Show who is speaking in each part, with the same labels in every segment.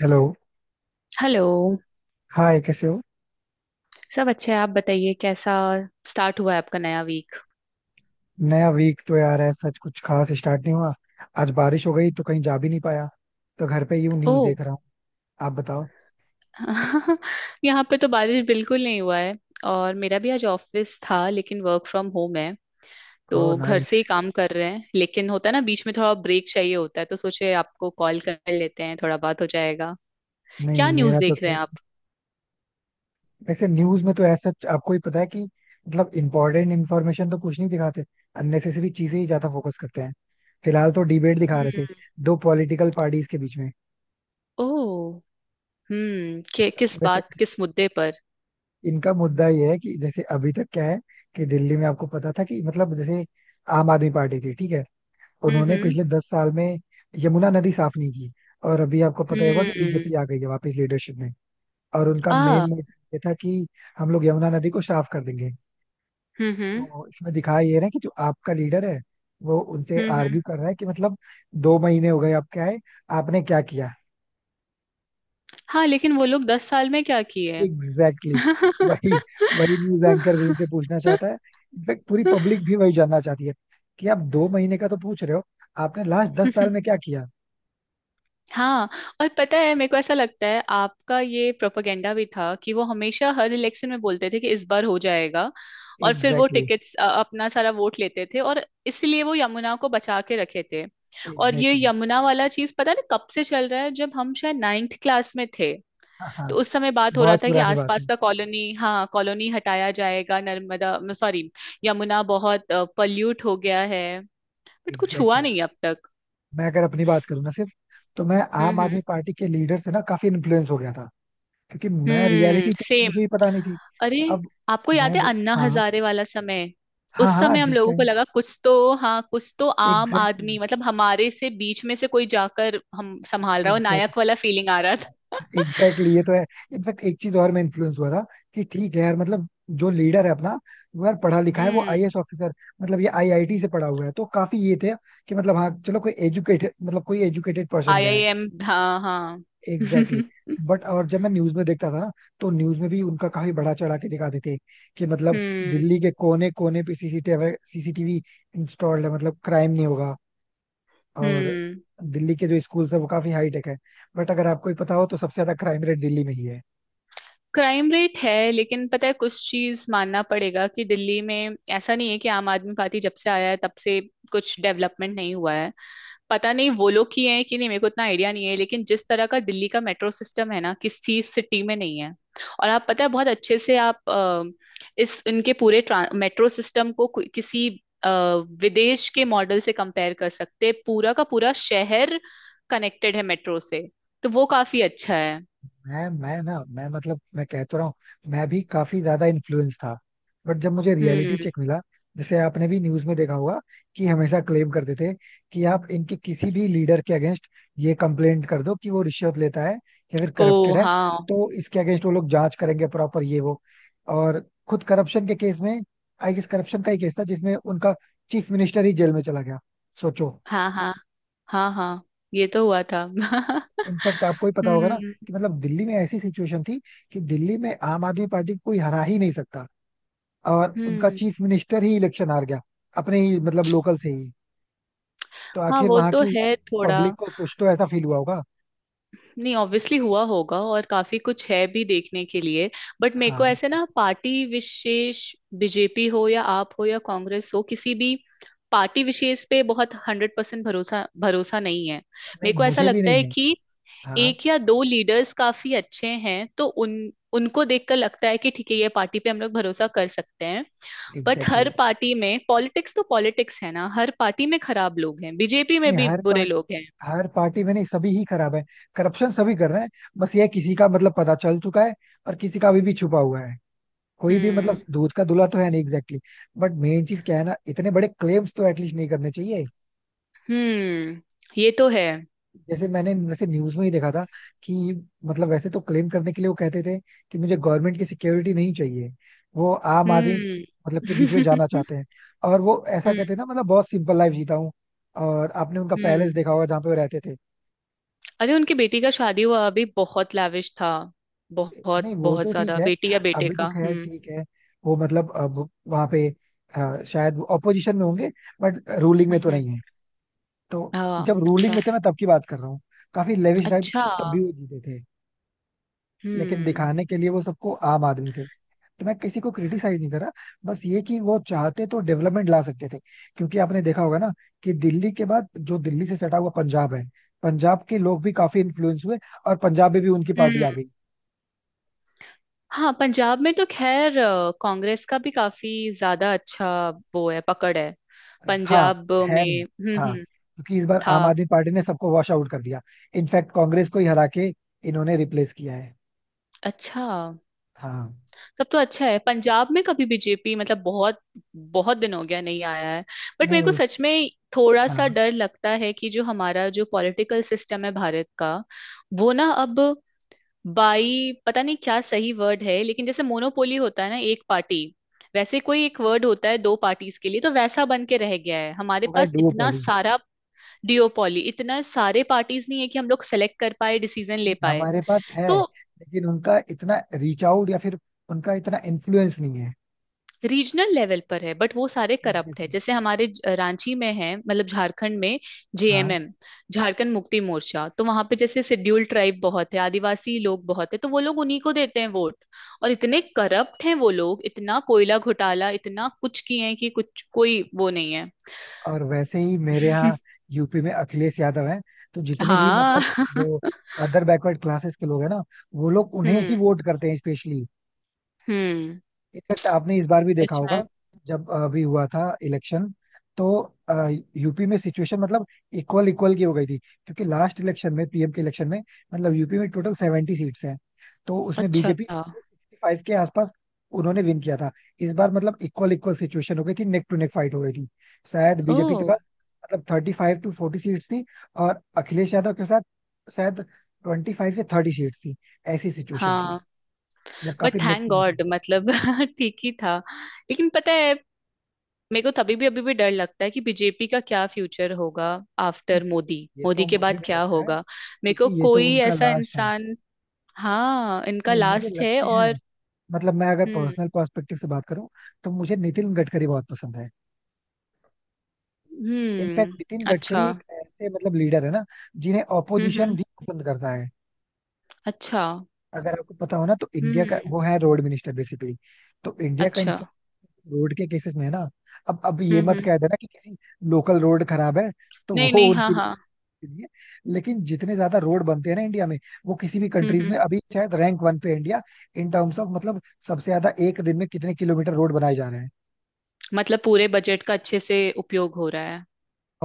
Speaker 1: Hello.
Speaker 2: Hello.
Speaker 1: Hi, कैसे हो?
Speaker 2: सब अच्छे हैं, आप बताइए, कैसा स्टार्ट हुआ है आपका नया वीक?
Speaker 1: नया वीक तो यार है, सच कुछ खास स्टार्ट नहीं हुआ. आज बारिश हो गई तो कहीं जा भी नहीं पाया, तो घर पे यूं न्यूज
Speaker 2: ओह।
Speaker 1: देख रहा हूँ. आप बताओ.
Speaker 2: यहाँ पे तो बारिश बिल्कुल नहीं हुआ है। और मेरा भी आज ऑफिस था, लेकिन वर्क फ्रॉम होम है, तो
Speaker 1: ओह,
Speaker 2: घर से
Speaker 1: नाइस.
Speaker 2: ही काम कर रहे हैं। लेकिन होता है ना, बीच में थोड़ा ब्रेक चाहिए होता है, तो सोचे आपको कॉल कर लेते हैं, थोड़ा बात हो जाएगा।
Speaker 1: नहीं
Speaker 2: क्या न्यूज़
Speaker 1: मेरा तो
Speaker 2: देख रहे
Speaker 1: क्या.
Speaker 2: हैं आप?
Speaker 1: वैसे न्यूज में तो ऐसा सच आपको ही पता है कि मतलब इम्पोर्टेंट इन्फॉर्मेशन तो कुछ नहीं दिखाते, अननेसेसरी चीजें ही ज्यादा फोकस करते हैं. फिलहाल तो डिबेट दिखा रहे थे,
Speaker 2: हम्म।
Speaker 1: दो पॉलिटिकल पार्टीज के बीच में.
Speaker 2: ओह। किस
Speaker 1: वैसे
Speaker 2: बात किस मुद्दे पर?
Speaker 1: इनका मुद्दा ये है कि जैसे अभी तक क्या है कि दिल्ली में आपको पता था कि मतलब जैसे आम आदमी पार्टी थी, ठीक है.
Speaker 2: हम्म।
Speaker 1: उन्होंने
Speaker 2: हम्म।
Speaker 1: पिछले 10 साल में यमुना नदी साफ नहीं की. और अभी आपको पता ही होगा कि
Speaker 2: हम्म।
Speaker 1: बीजेपी आ गई है वापस लीडरशिप में. और उनका मेन
Speaker 2: आ
Speaker 1: मोटिव ये था कि हम लोग यमुना नदी को साफ कर देंगे.
Speaker 2: हम्म। हम्म।
Speaker 1: तो इसमें दिखाया ये रहा है कि जो आपका लीडर है, वो उनसे
Speaker 2: हम्म। हम्म।
Speaker 1: आर्ग्यू कर रहा है कि मतलब 2 महीने हो गए, आप क्या है, आपने क्या किया?
Speaker 2: हाँ, लेकिन वो लोग 10 साल में क्या किए?
Speaker 1: Exactly exactly. वही, वही न्यूज एंकर भी उनसे पूछना चाहता है. इनफैक्ट पूरी पब्लिक भी वही जानना चाहती है कि आप 2 महीने का तो पूछ रहे हो, आपने लास्ट 10 साल में क्या किया?
Speaker 2: हाँ, और पता है मेरे को ऐसा लगता है आपका ये प्रोपेगेंडा भी था कि वो हमेशा हर इलेक्शन में बोलते थे कि इस बार हो जाएगा। और फिर वो
Speaker 1: एग्जैक्टली exactly,
Speaker 2: टिकट्स अपना सारा वोट लेते थे और इसलिए वो यमुना को बचा के रखे थे। और ये
Speaker 1: एग्जैक्टली exactly.
Speaker 2: यमुना वाला चीज पता नहीं कब से चल रहा है, जब हम शायद नाइन्थ क्लास में थे,
Speaker 1: हाँ, हाँ,
Speaker 2: तो उस समय बात हो रहा
Speaker 1: बहुत
Speaker 2: था कि
Speaker 1: पुरानी बात
Speaker 2: आसपास
Speaker 1: है.
Speaker 2: का कॉलोनी, हाँ, कॉलोनी हटाया जाएगा, नर्मदा, सॉरी, यमुना बहुत पल्यूट हो गया है। बट कुछ हुआ
Speaker 1: एग्जैक्टली
Speaker 2: नहीं है अब
Speaker 1: exactly.
Speaker 2: तक।
Speaker 1: मैं अगर अपनी बात करूँ ना सिर्फ, तो मैं
Speaker 2: हम्म।
Speaker 1: आम
Speaker 2: हम्म।
Speaker 1: आदमी पार्टी के लीडर से ना काफी इन्फ्लुएंस हो गया था, क्योंकि मैं
Speaker 2: हम्म,
Speaker 1: रियलिटी चेक तो
Speaker 2: सेम।
Speaker 1: मुझे ही पता नहीं थी.
Speaker 2: अरे,
Speaker 1: अब
Speaker 2: आपको याद
Speaker 1: मैं
Speaker 2: है
Speaker 1: दे...
Speaker 2: अन्ना
Speaker 1: हाँ,
Speaker 2: हजारे वाला समय?
Speaker 1: हाँ,
Speaker 2: उस
Speaker 1: हाँ
Speaker 2: समय हम
Speaker 1: जिस
Speaker 2: लोगों को
Speaker 1: टाइम.
Speaker 2: लगा कुछ तो, हाँ, कुछ तो आम
Speaker 1: एग्जैक्टली,
Speaker 2: आदमी मतलब हमारे से बीच में से कोई जाकर हम संभाल रहा हो,
Speaker 1: एग्जैक्टली,
Speaker 2: नायक वाला फीलिंग आ रहा था।
Speaker 1: एग्जैक्टली ये तो है. इनफैक्ट एक चीज और मैं इन्फ्लुएंस हुआ था कि ठीक है यार, मतलब जो लीडर है अपना, वो यार पढ़ा लिखा है, वो
Speaker 2: हम्म।
Speaker 1: आईएएस ऑफिसर, मतलब ये आईआईटी से पढ़ा हुआ है, तो काफी ये थे कि मतलब हाँ चलो, कोई एजुकेटेड, मतलब कोई एजुकेटेड पर्सन
Speaker 2: आई
Speaker 1: गया
Speaker 2: आई
Speaker 1: है.
Speaker 2: एम हाँ हाँ।
Speaker 1: Exactly exactly. बट और जब मैं न्यूज में देखता था ना, तो न्यूज में भी उनका काफी बढ़ा चढ़ा के दिखाते थे कि मतलब
Speaker 2: हम्म।
Speaker 1: दिल्ली के कोने कोने पे सीसीटीवी, सीसीटीवी इंस्टॉल्ड है, मतलब क्राइम नहीं होगा. और
Speaker 2: हम्म।
Speaker 1: दिल्ली के जो स्कूल्स है वो काफी हाई टेक है. बट अगर आपको ही पता हो तो सबसे ज्यादा क्राइम रेट दिल्ली में ही है.
Speaker 2: क्राइम रेट है, लेकिन पता है कुछ चीज मानना पड़ेगा कि दिल्ली में ऐसा नहीं है कि आम आदमी पार्टी जब से आया है तब से कुछ डेवलपमेंट नहीं हुआ है। पता नहीं वो लोग किए हैं कि नहीं, मेरे को इतना आइडिया नहीं है, लेकिन जिस तरह का दिल्ली का मेट्रो सिस्टम है ना, किसी सिटी में नहीं है। और आप पता है, बहुत अच्छे से आप इस इनके पूरे मेट्रो सिस्टम को किसी अ, विदेश के मॉडल से कंपेयर कर सकते हैं। पूरा का पूरा शहर कनेक्टेड है मेट्रो से, तो वो काफी अच्छा है।
Speaker 1: मैं मतलब मैं कह तो रहा हूँ, मैं भी काफी ज्यादा इन्फ्लुएंस था. बट जब मुझे रियलिटी
Speaker 2: हम्म।
Speaker 1: चेक मिला, जैसे आपने भी न्यूज में देखा होगा कि हमेशा क्लेम करते थे कि आप इनके किसी भी लीडर के अगेंस्ट ये कंप्लेंट कर दो कि वो रिश्वत लेता है या फिर
Speaker 2: ओ
Speaker 1: करप्टेड है,
Speaker 2: हाँ
Speaker 1: तो इसके अगेंस्ट वो लोग जांच करेंगे प्रॉपर ये वो. और खुद करप्शन के केस में, आई गेस करप्शन का ही केस था जिसमें उनका चीफ मिनिस्टर ही जेल में चला गया. सोचो.
Speaker 2: हाँ। हाँ हाँ। हाँ, ये तो हुआ था। हम्म।
Speaker 1: इनफैक्ट आपको ही पता होगा ना कि मतलब दिल्ली में ऐसी सिचुएशन थी कि दिल्ली में आम आदमी पार्टी को कोई हरा ही नहीं सकता, और उनका
Speaker 2: हम्म।
Speaker 1: चीफ मिनिस्टर ही इलेक्शन हार गया, अपने ही मतलब लोकल से ही. तो
Speaker 2: हाँ,
Speaker 1: आखिर
Speaker 2: वो
Speaker 1: वहां
Speaker 2: तो
Speaker 1: की
Speaker 2: है थोड़ा।
Speaker 1: पब्लिक को कुछ तो ऐसा फील हुआ होगा.
Speaker 2: नहीं, ऑब्वियसली हुआ होगा और काफी कुछ है भी देखने के लिए। बट मेरे को
Speaker 1: हाँ.
Speaker 2: ऐसे ना पार्टी विशेष, BJP हो या आप हो या कांग्रेस हो, किसी भी पार्टी विशेष पे बहुत 100% भरोसा भरोसा नहीं है।
Speaker 1: नहीं
Speaker 2: मेरे को ऐसा
Speaker 1: मुझे भी
Speaker 2: लगता है
Speaker 1: नहीं है.
Speaker 2: कि
Speaker 1: हाँ.
Speaker 2: एक या दो लीडर्स काफी अच्छे हैं, तो उन उनको देखकर लगता है कि ठीक है, ये पार्टी पे हम लोग भरोसा कर सकते हैं। बट
Speaker 1: एग्जैक्टली
Speaker 2: हर
Speaker 1: exactly.
Speaker 2: पार्टी में पॉलिटिक्स तो पॉलिटिक्स है ना, हर पार्टी में खराब लोग हैं, BJP में
Speaker 1: नहीं
Speaker 2: भी
Speaker 1: हर
Speaker 2: बुरे
Speaker 1: पार्ट
Speaker 2: लोग हैं।
Speaker 1: हर पार्टी में नहीं, सभी ही खराब है. करप्शन सभी कर रहे हैं, बस ये किसी का मतलब पता चल चुका है और किसी का अभी भी छुपा हुआ है. कोई भी मतलब
Speaker 2: हम्म।
Speaker 1: दूध का दूल्हा तो है नहीं एग्जैक्टली exactly. बट मेन चीज क्या है ना, इतने बड़े क्लेम्स तो एटलीस्ट नहीं करने चाहिए.
Speaker 2: हम्म। ये तो है।
Speaker 1: जैसे मैंने वैसे न्यूज में ही देखा था कि मतलब वैसे तो क्लेम करने के लिए वो कहते थे कि मुझे गवर्नमेंट की सिक्योरिटी नहीं चाहिए, वो आम आदमी
Speaker 2: हम्म।
Speaker 1: मतलब के बीच में जाना चाहते हैं. और वो ऐसा
Speaker 2: हम्म।
Speaker 1: कहते हैं ना, मतलब बहुत सिंपल लाइफ जीता हूँ. और आपने उनका पैलेस
Speaker 2: हम्म।
Speaker 1: देखा होगा जहाँ पे वो रहते थे.
Speaker 2: अरे, उनकी बेटी का शादी हुआ अभी, बहुत लाविश था, बहुत
Speaker 1: नहीं वो
Speaker 2: बहुत
Speaker 1: तो ठीक
Speaker 2: ज्यादा,
Speaker 1: है,
Speaker 2: बेटी या बेटे
Speaker 1: अभी
Speaker 2: का,
Speaker 1: तो खैर
Speaker 2: हम्म।
Speaker 1: ठीक है. वो मतलब अब वहाँ पे शायद ऑपोजिशन में होंगे, बट रूलिंग में
Speaker 2: हम्म।
Speaker 1: तो नहीं है. तो
Speaker 2: हाँ
Speaker 1: जब
Speaker 2: अच्छा।
Speaker 1: रूलिंग में थे, मैं तब की बात कर रहा हूँ. काफी लेविश लाइफ
Speaker 2: अच्छा।
Speaker 1: तब भी वो जीते थे, लेकिन
Speaker 2: हम्म।
Speaker 1: दिखाने के लिए वो सबको आम आदमी थे. तो मैं किसी को क्रिटिसाइज नहीं कर रहा, बस ये कि वो चाहते तो डेवलपमेंट ला सकते थे. क्योंकि आपने देखा होगा ना कि दिल्ली के बाद जो दिल्ली से सटा हुआ पंजाब है, पंजाब के लोग भी काफी इन्फ्लुएंस हुए और पंजाब में भी उनकी पार्टी आ
Speaker 2: हम्म।
Speaker 1: गई.
Speaker 2: हाँ, पंजाब में तो खैर कांग्रेस का भी काफी ज्यादा अच्छा वो है, पकड़ है
Speaker 1: हाँ.
Speaker 2: पंजाब
Speaker 1: है
Speaker 2: में।
Speaker 1: नहीं.
Speaker 2: हम्म।
Speaker 1: हाँ,
Speaker 2: हम्म।
Speaker 1: क्योंकि इस बार
Speaker 2: था।
Speaker 1: आम आदमी पार्टी ने सबको वॉश आउट कर दिया. इनफैक्ट कांग्रेस को ही हरा के इन्होंने रिप्लेस किया है.
Speaker 2: अच्छा।
Speaker 1: हाँ.
Speaker 2: तब तो अच्छा है। पंजाब में कभी BJP मतलब बहुत बहुत दिन हो गया नहीं आया है। बट
Speaker 1: नहीं
Speaker 2: मेरे को
Speaker 1: उस
Speaker 2: सच में थोड़ा सा
Speaker 1: हाँ,
Speaker 2: डर लगता है कि जो हमारा जो पॉलिटिकल सिस्टम है भारत का, वो ना अब बाई, पता नहीं क्या सही वर्ड है, लेकिन जैसे मोनोपोली होता है ना एक पार्टी, वैसे कोई एक वर्ड होता है दो पार्टीज के लिए, तो वैसा बन के रह गया है। हमारे
Speaker 1: वो है
Speaker 2: पास इतना
Speaker 1: डुओपोली.
Speaker 2: सारा डियोपॉली, इतना सारे पार्टीज नहीं है कि हम लोग सेलेक्ट कर पाए, डिसीजन ले
Speaker 1: नहीं,
Speaker 2: पाए।
Speaker 1: हमारे पास है
Speaker 2: तो
Speaker 1: लेकिन उनका इतना रीच आउट या फिर उनका इतना इन्फ्लुएंस नहीं है.
Speaker 2: रीजनल लेवल पर है, बट वो सारे करप्ट है,
Speaker 1: एग्जैक्टली.
Speaker 2: जैसे हमारे रांची में है, मतलब झारखंड में।
Speaker 1: हाँ.
Speaker 2: JMM, झारखंड मुक्ति मोर्चा, तो वहां पे जैसे शेड्यूल्ड ट्राइब बहुत है, आदिवासी लोग बहुत है, तो वो लोग उन्हीं को देते हैं वोट। और इतने करप्ट हैं वो लोग, इतना कोयला घोटाला, इतना कुछ किए हैं कि कुछ कोई वो नहीं है।
Speaker 1: और वैसे ही मेरे यहाँ यूपी में अखिलेश यादव हैं. तो जितने भी
Speaker 2: हाँ।
Speaker 1: मतलब वो अदर बैकवर्ड क्लासेस के लोग हैं ना, वो लोग उन्हें ही
Speaker 2: हम्म।
Speaker 1: वोट करते हैं स्पेशली.
Speaker 2: हम्म।
Speaker 1: इनफैक्ट आपने इस बार भी देखा
Speaker 2: सच में।
Speaker 1: होगा जब अभी हुआ था इलेक्शन, तो यूपी में सिचुएशन मतलब इक्वल इक्वल की हो गई थी, क्योंकि लास्ट इलेक्शन में पीएम के इलेक्शन में, मतलब यूपी में टोटल 70 सीट्स हैं, तो उसमें
Speaker 2: अच्छा।
Speaker 1: बीजेपी 65 के आसपास उन्होंने विन किया था. इस बार मतलब इक्वल इक्वल सिचुएशन हो गई थी, नेक टू नेक फाइट हो गई थी. शायद
Speaker 2: ओ
Speaker 1: बीजेपी के पास मतलब 35-40 सीट्स थी और अखिलेश यादव के साथ शायद 25-30 सीट्स थी. ऐसी सिचुएशन थी,
Speaker 2: हाँ।
Speaker 1: मतलब
Speaker 2: बट
Speaker 1: काफी नेक
Speaker 2: थैंक
Speaker 1: टू नेक हो
Speaker 2: गॉड
Speaker 1: गया.
Speaker 2: मतलब ठीक ही था। लेकिन पता है मेरे को तभी भी अभी भी डर लगता है कि BJP का क्या फ्यूचर होगा आफ्टर
Speaker 1: नहीं,
Speaker 2: मोदी,
Speaker 1: ये
Speaker 2: मोदी
Speaker 1: तो
Speaker 2: के
Speaker 1: मुझे
Speaker 2: बाद
Speaker 1: भी
Speaker 2: क्या
Speaker 1: लगता है,
Speaker 2: होगा। मेरे को
Speaker 1: क्योंकि ये तो
Speaker 2: कोई
Speaker 1: उनका
Speaker 2: ऐसा
Speaker 1: लास्ट है.
Speaker 2: इंसान, हाँ, इनका
Speaker 1: नहीं मुझे
Speaker 2: लास्ट है
Speaker 1: लगते हैं,
Speaker 2: और,
Speaker 1: मतलब मैं अगर
Speaker 2: हम्म।
Speaker 1: पर्सनल पर्सपेक्टिव से बात करूं, तो मुझे नितिन गडकरी बहुत पसंद है. इनफैक्ट
Speaker 2: हम्म।
Speaker 1: नितिन
Speaker 2: अच्छा।
Speaker 1: गडकरी एक ऐसे मतलब लीडर है ना, जिन्हें
Speaker 2: हम्म।
Speaker 1: ऑपोजिशन
Speaker 2: हम्म।
Speaker 1: भी पसंद करता है.
Speaker 2: अच्छा।
Speaker 1: अगर आपको पता हो ना, तो इंडिया का
Speaker 2: हम्म।
Speaker 1: वो है रोड मिनिस्टर बेसिकली. तो इंडिया का
Speaker 2: अच्छा।
Speaker 1: इन्फ्लुएंस रोड के केसेस में है ना. अब ये
Speaker 2: हम्म।
Speaker 1: मत
Speaker 2: हम्म।
Speaker 1: कह देना कि किसी लोकल रोड खराब है तो
Speaker 2: नहीं
Speaker 1: वो
Speaker 2: नहीं, हाँ
Speaker 1: उनकी
Speaker 2: हाँ।
Speaker 1: के लिए. लेकिन जितने ज्यादा रोड बनते हैं ना इंडिया में, वो किसी भी
Speaker 2: हम्म।
Speaker 1: कंट्रीज
Speaker 2: हम्म।
Speaker 1: में अभी शायद रैंक 1 पे है इंडिया. इन टर्म्स ऑफ मतलब सबसे ज्यादा एक दिन में कितने किलोमीटर रोड बनाए जा रहे हैं.
Speaker 2: मतलब पूरे बजट का अच्छे से उपयोग हो रहा है।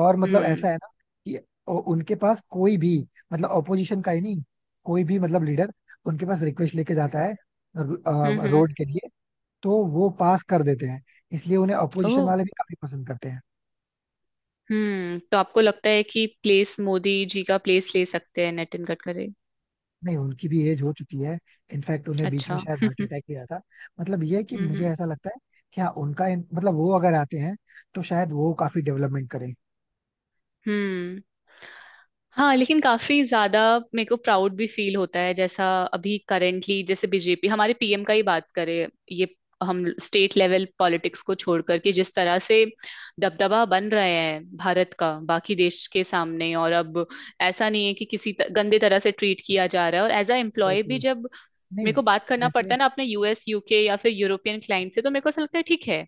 Speaker 1: और मतलब ऐसा
Speaker 2: हम्म।
Speaker 1: है ना कि उनके पास कोई भी मतलब ऑपोजिशन का ही नहीं, कोई भी मतलब लीडर उनके पास रिक्वेस्ट लेके जाता है
Speaker 2: हम्म। हम्म।
Speaker 1: रोड के लिए, तो वो पास कर देते हैं. इसलिए उन्हें ऑपोजिशन
Speaker 2: ओ।
Speaker 1: वाले भी काफी पसंद करते हैं.
Speaker 2: हम्म, तो आपको लगता है कि प्लेस मोदी जी का प्लेस ले सकते हैं नितिन गडकरी?
Speaker 1: नहीं उनकी भी एज हो चुकी है. इनफैक्ट उन्हें बीच में
Speaker 2: अच्छा।
Speaker 1: शायद हार्ट
Speaker 2: हम्म।
Speaker 1: अटैक भी आया था. मतलब ये है कि
Speaker 2: हम्म।
Speaker 1: मुझे
Speaker 2: हम्म।
Speaker 1: ऐसा लगता है कि हाँ उनका मतलब वो अगर आते हैं तो शायद वो काफी डेवलपमेंट करें.
Speaker 2: हम्म। हाँ, लेकिन काफी ज्यादा मेरे को प्राउड भी फील होता है, जैसा अभी करेंटली जैसे BJP हमारे PM का ही बात करें ये, हम स्टेट लेवल पॉलिटिक्स को छोड़ करके जिस तरह से दबदबा बन रहा है भारत का बाकी देश के सामने, और अब ऐसा नहीं है कि किसी गंदे तरह से ट्रीट किया जा रहा है। और एज अ एम्प्लॉय
Speaker 1: एग्जैक्टली
Speaker 2: भी
Speaker 1: exactly.
Speaker 2: जब
Speaker 1: नहीं.
Speaker 2: मेरे को बात करना पड़ता
Speaker 1: वैसे
Speaker 2: है ना अपने US, UK या फिर यूरोपियन क्लाइंट से, तो मेरे को ऐसा लगता है ठीक है,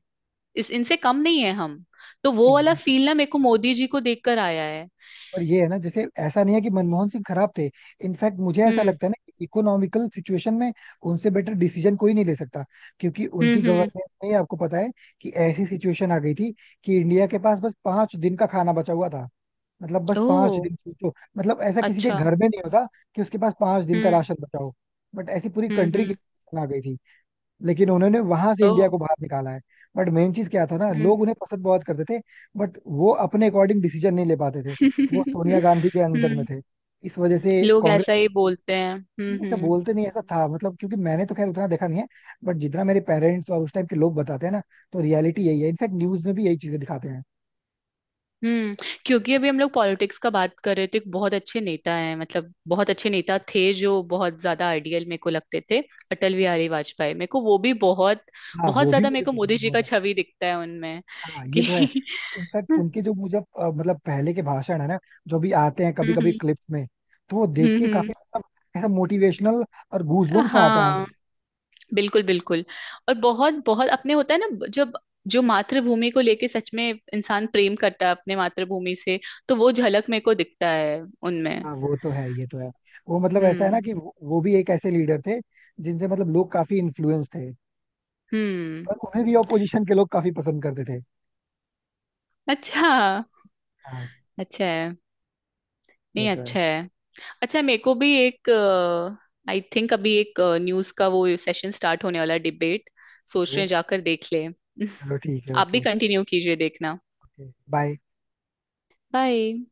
Speaker 2: इस इनसे कम नहीं है हम, तो वो वाला
Speaker 1: एग्जैक्टली.
Speaker 2: फील ना मेरे को मोदी जी को देखकर आया है।
Speaker 1: और ये है ना, जैसे ऐसा नहीं है कि मनमोहन सिंह खराब थे. इनफैक्ट मुझे ऐसा
Speaker 2: हम्म।
Speaker 1: लगता है ना कि इकोनॉमिकल सिचुएशन में उनसे बेटर डिसीजन कोई नहीं ले सकता. क्योंकि
Speaker 2: हम्म।
Speaker 1: उनकी
Speaker 2: हम्म।
Speaker 1: गवर्नमेंट में आपको पता है कि ऐसी सिचुएशन आ गई थी कि इंडिया के पास बस 5 दिन का खाना बचा हुआ था. मतलब बस पांच
Speaker 2: ओह।
Speaker 1: दिन, सोचो, मतलब ऐसा किसी के
Speaker 2: अच्छा।
Speaker 1: घर में नहीं होता कि उसके पास 5 दिन का
Speaker 2: हम्म।
Speaker 1: राशन बचा हो. बट ऐसी पूरी
Speaker 2: हम्म।
Speaker 1: कंट्री की
Speaker 2: हम्म।
Speaker 1: situation आ गई थी. लेकिन उन्होंने वहां से
Speaker 2: ओह।
Speaker 1: इंडिया को बाहर निकाला है. बट मेन चीज क्या था ना,
Speaker 2: हम्म।
Speaker 1: लोग उन्हें पसंद बहुत करते थे, बट वो अपने अकॉर्डिंग डिसीजन नहीं ले पाते थे. वो सोनिया गांधी के अंदर में
Speaker 2: हम्म।
Speaker 1: थे, इस वजह से
Speaker 2: लोग
Speaker 1: कांग्रेस.
Speaker 2: ऐसा ही बोलते हैं। हम्म।
Speaker 1: ये सब
Speaker 2: हम्म।
Speaker 1: बोलते नहीं, ऐसा था मतलब, क्योंकि मैंने तो खैर उतना देखा नहीं है. बट जितना मेरे पेरेंट्स और उस टाइम के लोग बताते हैं ना, तो रियलिटी यही है. इनफैक्ट न्यूज में भी यही चीजें दिखाते हैं.
Speaker 2: हम्म। क्योंकि अभी हम लोग पॉलिटिक्स का बात कर रहे थे, एक बहुत अच्छे नेता हैं मतलब बहुत अच्छे नेता थे, जो बहुत ज्यादा आइडियल मेरे को लगते थे, अटल बिहारी वाजपेयी, मेरे को वो भी बहुत
Speaker 1: हाँ,
Speaker 2: बहुत
Speaker 1: वो भी
Speaker 2: ज्यादा, मेरे
Speaker 1: मुझे
Speaker 2: को
Speaker 1: पसंद
Speaker 2: मोदी
Speaker 1: है
Speaker 2: जी
Speaker 1: बहुत
Speaker 2: का
Speaker 1: ज्यादा.
Speaker 2: छवि दिखता है उनमें
Speaker 1: हाँ ये
Speaker 2: कि।
Speaker 1: तो है. इनफैक्ट
Speaker 2: हम्म।
Speaker 1: उनके जो मुझे मतलब पहले के भाषण है ना, जो भी आते हैं कभी कभी
Speaker 2: हम्म।
Speaker 1: क्लिप्स में, तो वो देख के
Speaker 2: हम्म।
Speaker 1: काफी मतलब ऐसा मोटिवेशनल और गूजबम्स आता है
Speaker 2: हाँ,
Speaker 1: अंदर.
Speaker 2: बिल्कुल बिल्कुल। और बहुत बहुत अपने होता है ना जब, जो मातृभूमि को लेके सच में इंसान प्रेम करता है अपने मातृभूमि से, तो वो झलक मेरे को दिखता है उनमें।
Speaker 1: हाँ वो तो है, ये तो है. वो मतलब ऐसा है ना
Speaker 2: हम्म।
Speaker 1: कि वो भी एक ऐसे लीडर थे, जिनसे मतलब लोग काफी इन्फ्लुएंस थे
Speaker 2: हम्म।
Speaker 1: और उन्हें भी ऑपोजिशन के लोग काफी पसंद करते थे.
Speaker 2: अच्छा।
Speaker 1: हाँ.
Speaker 2: अच्छा है।
Speaker 1: ये
Speaker 2: नहीं,
Speaker 1: तो है.
Speaker 2: अच्छा है। अच्छा, मेरे को भी एक आई थिंक अभी एक न्यूज का वो सेशन स्टार्ट होने वाला डिबेट, सोच
Speaker 1: ओके.
Speaker 2: रहे हैं जाकर देख ले।
Speaker 1: चलो, ठीक है.
Speaker 2: आप भी
Speaker 1: ओके.
Speaker 2: कंटिन्यू कीजिए देखना।
Speaker 1: Okay, bye.
Speaker 2: बाय।